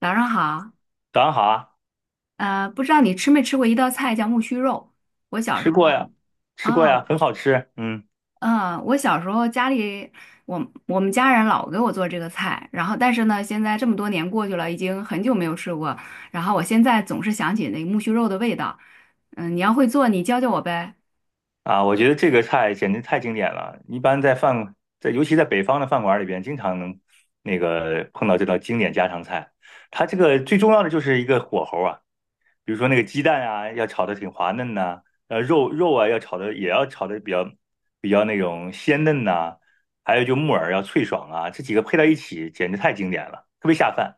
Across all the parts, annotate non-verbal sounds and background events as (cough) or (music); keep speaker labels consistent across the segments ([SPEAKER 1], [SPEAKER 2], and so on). [SPEAKER 1] 早上好，
[SPEAKER 2] 早上好啊。
[SPEAKER 1] 不知道你吃没吃过一道菜叫木须肉？我小时
[SPEAKER 2] 吃
[SPEAKER 1] 候
[SPEAKER 2] 过呀，吃
[SPEAKER 1] 啊。
[SPEAKER 2] 过呀，很好吃。嗯
[SPEAKER 1] 嗯，我小时候家里，我我们家人老给我做这个菜，然后但是呢，现在这么多年过去了，已经很久没有吃过，然后我现在总是想起那个木须肉的味道。嗯，你要会做，你教教我呗。
[SPEAKER 2] 啊，我觉得这个菜简直太经典了。一般在饭，尤其在北方的饭馆里边，经常能碰到这道经典家常菜。它这个最重要的就是一个火候啊，比如说那个鸡蛋啊，要炒的挺滑嫩呐、肉啊要炒的，也要炒的比较那种鲜嫩呐、还有就木耳要脆爽啊，这几个配在一起，简直太经典了，特别下饭。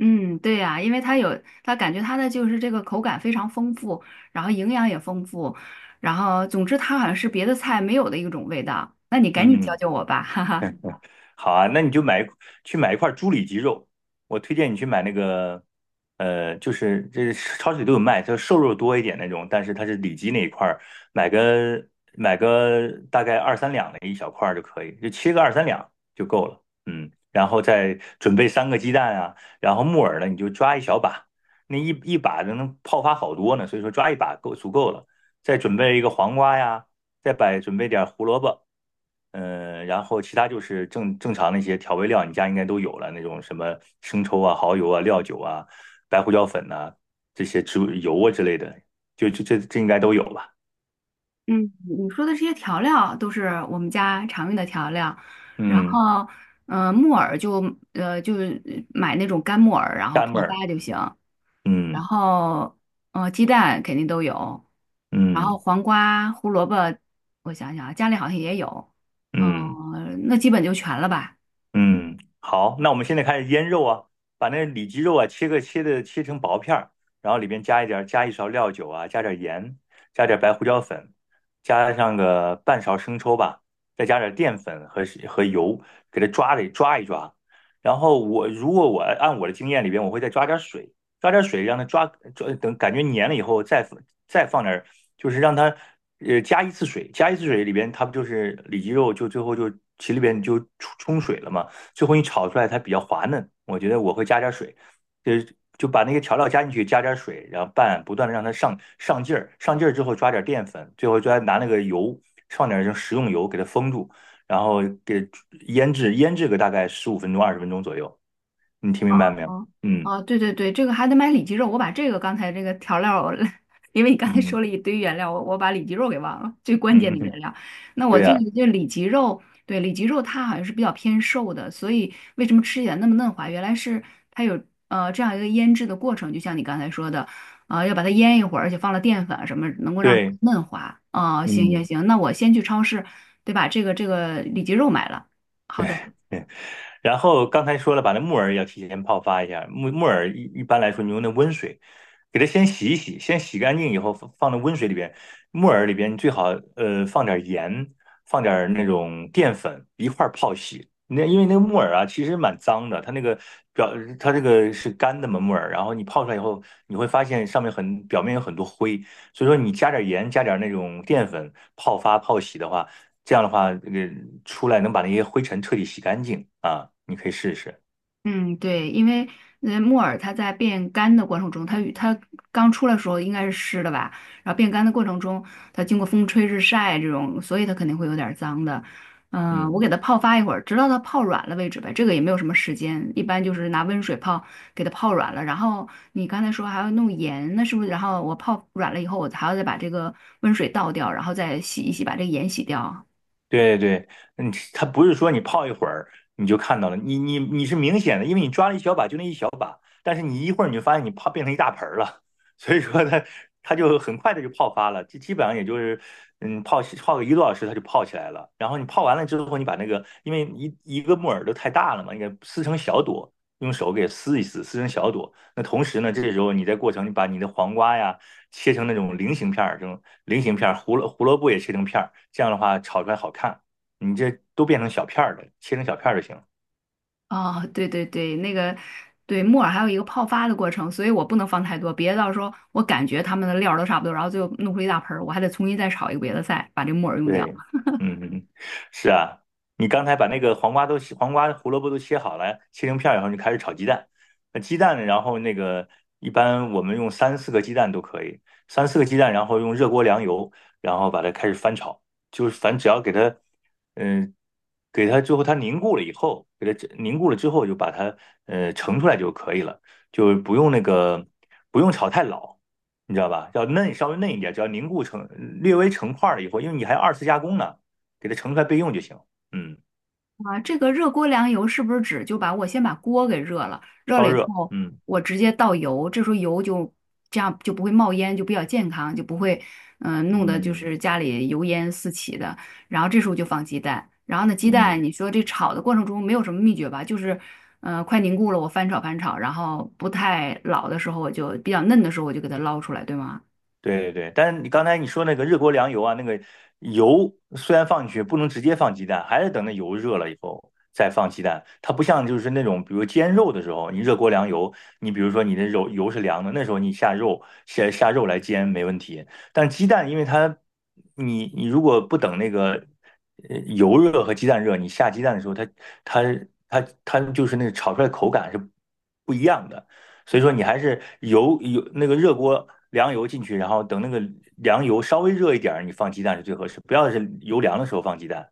[SPEAKER 1] 嗯，对呀，因为它有，它感觉它的就是这个口感非常丰富，然后营养也丰富，然后总之它好像是别的菜没有的一种味道。那你赶紧教
[SPEAKER 2] 嗯。
[SPEAKER 1] 教我吧，哈哈。
[SPEAKER 2] 好啊，那你去买一块猪里脊肉。我推荐你去买那个，就是这超市里都有卖，它瘦肉多一点那种，但是它是里脊那一块儿，买个买个大概二三两的一小块儿就可以，就切个二三两就够了。嗯，然后再准备三个鸡蛋啊，然后木耳呢你就抓一小把，那一把就能泡发好多呢，所以说抓一把够足够了，再准备一个黄瓜呀，准备点胡萝卜。嗯，然后其他就是正常那些调味料，你家应该都有了，那种什么生抽啊、蚝油啊、料酒啊、白胡椒粉呐、这些植物油啊之类的，就这应该都有吧？
[SPEAKER 1] 嗯，你说的这些调料都是我们家常用的调料。然
[SPEAKER 2] 嗯，
[SPEAKER 1] 后，木耳就呃就是买那种干木耳，然后泡
[SPEAKER 2] 单味儿，
[SPEAKER 1] 发就行。然
[SPEAKER 2] 嗯
[SPEAKER 1] 后，鸡蛋肯定都有。然
[SPEAKER 2] 嗯
[SPEAKER 1] 后
[SPEAKER 2] 嗯。
[SPEAKER 1] 黄瓜、胡萝卜，我想想啊，家里好像也有。
[SPEAKER 2] 嗯
[SPEAKER 1] 嗯、那基本就全了吧。
[SPEAKER 2] 嗯，好，那我们现在开始腌肉啊。把那里脊肉啊切个切的切成薄片儿，然后里边加一勺料酒啊，加点儿盐，加点儿白胡椒粉，加上个半勺生抽吧，再加点儿淀粉和油，给它抓了抓一抓。然后我我按我的经验里边，我会再抓点儿水，抓点儿水让它抓，等感觉粘了以后再放点儿，就是让它，加一次水。里边它不就是里脊肉就最后就里边就冲水了嘛。最后你炒出来它比较滑嫩，我觉得我会加点水，就是就把那个调料加进去，加点水，然后拌，不断的让它上劲儿，上劲儿之后抓点淀粉，最后拿那个油放点这食用油给它封住，然后腌制个大概15分钟20分钟左右，你听
[SPEAKER 1] 哦
[SPEAKER 2] 明白没有？
[SPEAKER 1] 哦
[SPEAKER 2] 嗯
[SPEAKER 1] 哦，对对对，这个还得买里脊肉，我把这个刚才这个调料儿 (laughs) 因为你刚才说
[SPEAKER 2] 嗯
[SPEAKER 1] 了一堆原料，我把里脊肉给忘了，最关键
[SPEAKER 2] 嗯，
[SPEAKER 1] 的
[SPEAKER 2] 嗯
[SPEAKER 1] 原料。那
[SPEAKER 2] (laughs)
[SPEAKER 1] 我
[SPEAKER 2] 对
[SPEAKER 1] 就
[SPEAKER 2] 呀、
[SPEAKER 1] 这里脊肉。对，里脊肉它好像是比较偏瘦的，所以为什么吃起来那么嫩滑？原来是它有这样一个腌制的过程，就像你刚才说的，要把它腌一会儿，而且放了淀粉啊什么，能够让它
[SPEAKER 2] 对，
[SPEAKER 1] 嫩滑。哦，行行
[SPEAKER 2] 嗯。
[SPEAKER 1] 行，那我先去超市，对吧？这个这个里脊肉买了，好的。
[SPEAKER 2] 对，然后刚才说了，把那木耳要提前泡发一下。木耳一般来说，你用那温水给它先洗一洗，先洗干净以后放到温水里边。木耳里边你最好，放点盐，放点那种淀粉一块儿泡洗。那因为那个木耳啊，其实蛮脏的，它那个表它这个是干的嘛木耳，然后你泡出来以后，你会发现上面很表面有很多灰，所以说你加点盐，加点那种淀粉泡洗的话。这样的话，这个出来能把那些灰尘彻底洗干净啊，你可以试试。
[SPEAKER 1] 嗯，对，因为木耳它在变干的过程中，它与它刚出来的时候应该是湿的吧，然后变干的过程中，它经过风吹日晒这种，所以它肯定会有点儿脏的。我
[SPEAKER 2] 嗯。
[SPEAKER 1] 给它泡发一会儿，直到它泡软了为止呗。这个也没有什么时间，一般就是拿温水泡，给它泡软了。然后你刚才说还要弄盐，那是不是？然后我泡软了以后，我还要再把这个温水倒掉，然后再洗一洗，把这个盐洗掉。
[SPEAKER 2] 对对，嗯，它不是说你泡一会儿你就看到了，你是明显的，因为你抓了一小把就那一小把，但是你一会儿你就发现你泡变成一大盆儿了。(laughs) 所以说它就很快的就泡发了，基本上也就是，泡个1个多小时它就泡起来了。然后你泡完了之后，你把那个因为一个木耳都太大了嘛，你给撕成小朵，用手给撕一撕，撕成小朵。那同时呢，这时候你在过程你把你的黄瓜呀切成那种菱形片儿，这种菱形片，胡萝卜也切成片，这样的话炒出来好看。你这都变成小片儿的，切成小片儿就行了。
[SPEAKER 1] 哦，对对对，那个对木耳还有一个泡发的过程，所以我不能放太多，别到时候我感觉它们的料儿都差不多，然后最后弄出一大盆儿，我还得重新再炒一个别的菜，把这木耳用掉。
[SPEAKER 2] 对，嗯，(laughs) 是啊。你刚才把黄瓜、胡萝卜都切好了，切成片儿以后，你就开始炒鸡蛋。那鸡蛋，然后那个，一般我们用三四个鸡蛋都可以。三四个鸡蛋，然后用热锅凉油，然后把它开始翻炒，就是反正只要给它，嗯、给它最后它凝固了以后，给它凝固了之后，就把它，盛出来就可以了，就不用那个，不用炒太老，你知道吧？要嫩，稍微嫩一点，只要凝固成略微成块了以后，因为你还要二次加工呢，给它盛出来备用就行。嗯，
[SPEAKER 1] 啊，这个热锅凉油是不是指就把我先把锅给热了，热
[SPEAKER 2] 烧
[SPEAKER 1] 了以
[SPEAKER 2] 热，
[SPEAKER 1] 后
[SPEAKER 2] 嗯
[SPEAKER 1] 我直接倒油，这时候油就这样就不会冒烟，就比较健康，就不会弄得就
[SPEAKER 2] 嗯
[SPEAKER 1] 是家里油烟四起的。然后这时候就放鸡蛋，然后呢鸡蛋
[SPEAKER 2] 嗯，
[SPEAKER 1] 你说这炒的过程中没有什么秘诀吧，就是嗯快凝固了我翻炒翻炒，然后不太老的时候我就比较嫩的时候我就给它捞出来，对吗？
[SPEAKER 2] 对对对。但是你刚才你说那个热锅凉油啊，那个油虽然放进去，不能直接放鸡蛋，还是等那油热了以后再放鸡蛋。它不像就是那种，比如煎肉的时候，你热锅凉油，你比如说你的肉油是凉的，那时候你下肉来煎没问题。但鸡蛋，因为它，你如果不等那个，油热和鸡蛋热，你下鸡蛋的时候，它它就是那个炒出来的口感是不一样的。所以说你还是那个热锅凉油进去，然后等那个凉油稍微热一点儿，你放鸡蛋是最合适，不要是油凉的时候放鸡蛋，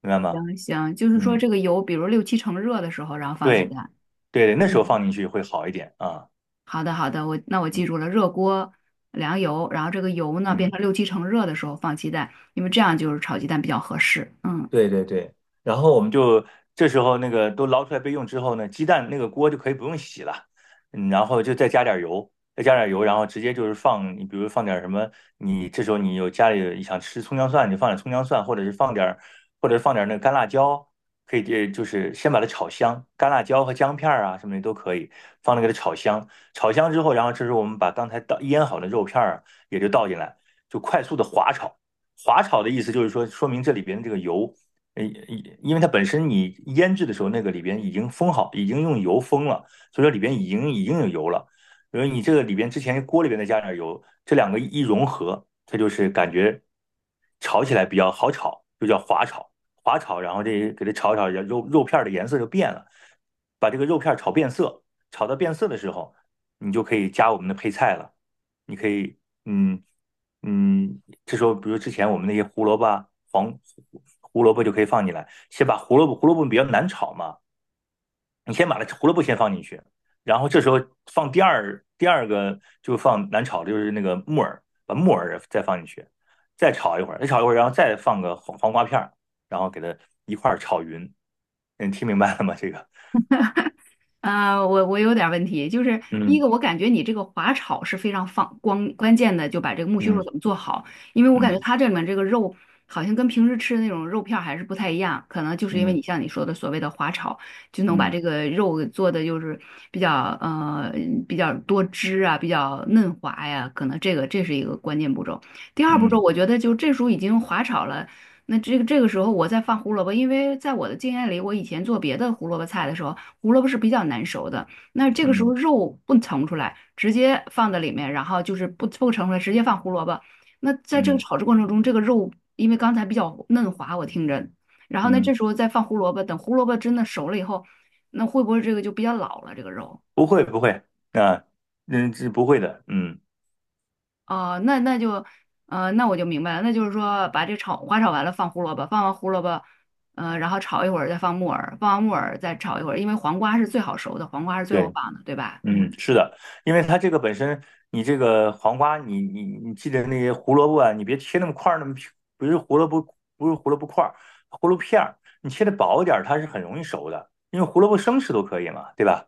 [SPEAKER 2] 明白吗？
[SPEAKER 1] 行行，就是说
[SPEAKER 2] 嗯，
[SPEAKER 1] 这个油比如六七成热的时候，然后放鸡
[SPEAKER 2] 对
[SPEAKER 1] 蛋，
[SPEAKER 2] 对，那时候
[SPEAKER 1] 嗯。
[SPEAKER 2] 放进去会好一点啊。
[SPEAKER 1] 好的，好的，我那我记
[SPEAKER 2] 嗯
[SPEAKER 1] 住了，热锅凉油，然后这个油呢变
[SPEAKER 2] 嗯。
[SPEAKER 1] 成六七成热的时候放鸡蛋，因为这样就是炒鸡蛋比较合适。嗯。
[SPEAKER 2] 对对对，然后我们就这时候那个都捞出来备用之后呢，鸡蛋那个锅就可以不用洗了。嗯，然后就再加点油，再加点油，然后直接就是放，你比如放点什么，你这时候你有家里想吃葱姜蒜，你就放点葱姜蒜，或者是放点，那个干辣椒，可以，就是先把它炒香，干辣椒和姜片儿啊什么的都可以放那个炒香。炒香之后，然后这时候我们把刚才腌好的肉片儿啊也就倒进来，就快速的滑炒。滑炒的意思就是说，说明这里边的这个油，呃，因为它本身你腌制的时候，那个里边已经封好，已经用油封了，所以说里边已经有油了。因为你这个里边之前锅里边再加点油，这两个一融合，它就是感觉炒起来比较好炒，就叫滑炒。滑炒，然后这给它炒一炒，肉片儿的颜色就变了。把这个肉片儿炒变色，炒到变色的时候，你就可以加我们的配菜了。你可以，嗯。嗯，这时候比如之前我们那些胡萝卜、黄胡萝卜就可以放进来，先把胡萝卜比较难炒嘛，你先把它胡萝卜先放进去，然后这时候放第二个就放难炒的就是那个木耳，把木耳再放进去，再炒一会儿，再炒一会儿，然后再放个黄瓜片儿，然后给它一块儿炒匀。你听明白了吗？这个，
[SPEAKER 1] 啊，我有点问题，就是第一
[SPEAKER 2] 嗯
[SPEAKER 1] 个，我感觉你这个滑炒是非常放光关键的，就把这个木须肉
[SPEAKER 2] 嗯
[SPEAKER 1] 怎么做好，因为我感觉
[SPEAKER 2] 嗯
[SPEAKER 1] 它这里面这个肉好像跟平时吃的那种肉片儿还是不太一样，可能就是因为你
[SPEAKER 2] 嗯
[SPEAKER 1] 像你说的所谓的滑炒，就能把
[SPEAKER 2] 嗯
[SPEAKER 1] 这个肉给做的就是比较呃比较多汁啊，比较嫩滑呀，可能这个这是一个关键步骤。第二步
[SPEAKER 2] 嗯
[SPEAKER 1] 骤，
[SPEAKER 2] 嗯
[SPEAKER 1] 我觉得就这时候已经滑炒了。那这个这个时候我再放胡萝卜，因为在我的经验里，我以前做别的胡萝卜菜的时候，胡萝卜是比较难熟的，那这个时候
[SPEAKER 2] 嗯
[SPEAKER 1] 肉不盛出来，直接放在里面，然后就是不盛出来，直接放胡萝卜。那在这个
[SPEAKER 2] 嗯，
[SPEAKER 1] 炒制过程中，这个肉因为刚才比较嫩滑，我听着，然后呢，
[SPEAKER 2] 嗯
[SPEAKER 1] 这时候再放胡萝卜，等胡萝卜真的熟了以后，那会不会这个就比较老了这个肉？
[SPEAKER 2] 不会不会。啊，嗯，这不会的，嗯。
[SPEAKER 1] 哦、那那就，那我就明白了，那就是说把这炒花炒完了放胡萝卜，放完胡萝卜，然后炒一会儿再放木耳，放完木耳再炒一会儿，因为黄瓜是最好熟的，黄瓜是最后
[SPEAKER 2] 对，
[SPEAKER 1] 放的，对吧？
[SPEAKER 2] 嗯，
[SPEAKER 1] 嗯。
[SPEAKER 2] 是的。因为它这个本身，你这个黄瓜，你你记得那些胡萝卜啊，你别切那么块儿，那么平，不是胡萝卜，不是胡萝卜块儿，胡萝卜片儿，你切的薄一点儿，它是很容易熟的，因为胡萝卜生吃都可以嘛，对吧？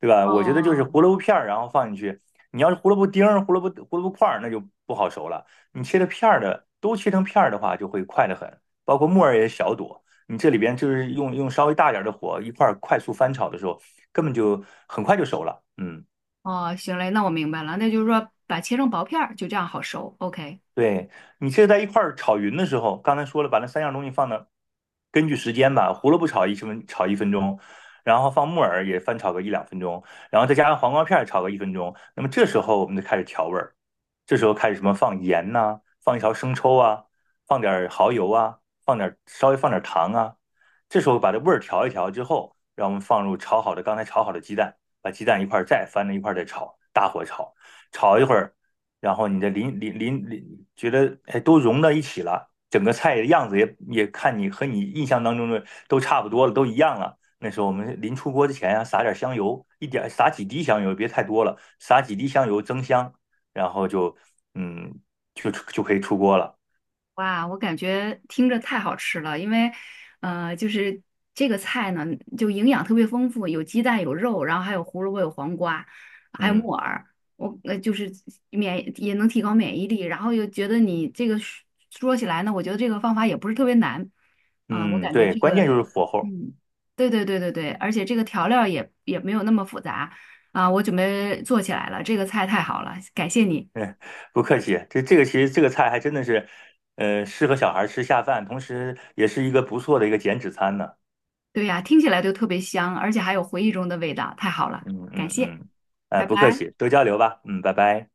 [SPEAKER 2] 对吧？我觉得就是
[SPEAKER 1] 哦，
[SPEAKER 2] 胡萝卜片儿，然后放进去。你要是胡萝卜丁儿、胡萝卜块儿，那就不好熟了。你切的片儿的，都切成片儿的话，就会快得很。包括木耳也小朵，你这里边就是用稍微大点的火一块儿快速翻炒的时候，根本就很快就熟了。嗯。
[SPEAKER 1] 哦，行嘞，那我明白了，那就是说把切成薄片儿，就这样好熟。OK。
[SPEAKER 2] 对，你其实在一块儿炒匀的时候，刚才说了，把那三样东西放到，根据时间吧，胡萝卜炒一分钟，然后放木耳也翻炒个1、2分钟，然后再加上黄瓜片儿炒个一分钟。那么这时候我们就开始调味儿，这时候开始什么放盐呐、放一勺生抽啊，放点儿蚝油啊，放点儿，糖啊。这时候把这味儿调一调之后，让我们放入炒好的刚才炒好的鸡蛋，把鸡蛋一块儿再翻着一块儿再炒，大火炒，炒一会儿。然后你的淋，觉得哎都融到一起了，整个菜的样子也看你和你印象当中的都差不多了，都一样了。那时候我们临出锅之前啊，撒点香油，撒几滴香油，别太多了，撒几滴香油增香，然后就嗯就就可以出锅了。
[SPEAKER 1] 哇，我感觉听着太好吃了，就是这个菜呢，就营养特别丰富，有鸡蛋，有肉，然后还有胡萝卜，有黄瓜，还有木
[SPEAKER 2] 嗯
[SPEAKER 1] 耳，我就是也能提高免疫力，然后又觉得你这个说起来呢，我觉得这个方法也不是特别难。我
[SPEAKER 2] 嗯，
[SPEAKER 1] 感觉
[SPEAKER 2] 对，
[SPEAKER 1] 这
[SPEAKER 2] 关
[SPEAKER 1] 个，
[SPEAKER 2] 键就是火候。
[SPEAKER 1] 嗯，对对对对对，而且这个调料也没有那么复杂。我准备做起来了，这个菜太好了，感谢你。
[SPEAKER 2] 嗯，(laughs) 不客气。这其实这个菜还真的是，适合小孩吃下饭，同时也是一个不错的减脂餐呢。
[SPEAKER 1] 对呀，听起来就特别香，而且还有回忆中的味道，太好了，
[SPEAKER 2] 嗯
[SPEAKER 1] 感
[SPEAKER 2] 嗯
[SPEAKER 1] 谢，
[SPEAKER 2] 嗯，
[SPEAKER 1] 拜
[SPEAKER 2] 不客
[SPEAKER 1] 拜。
[SPEAKER 2] 气，多交流吧，嗯，拜拜。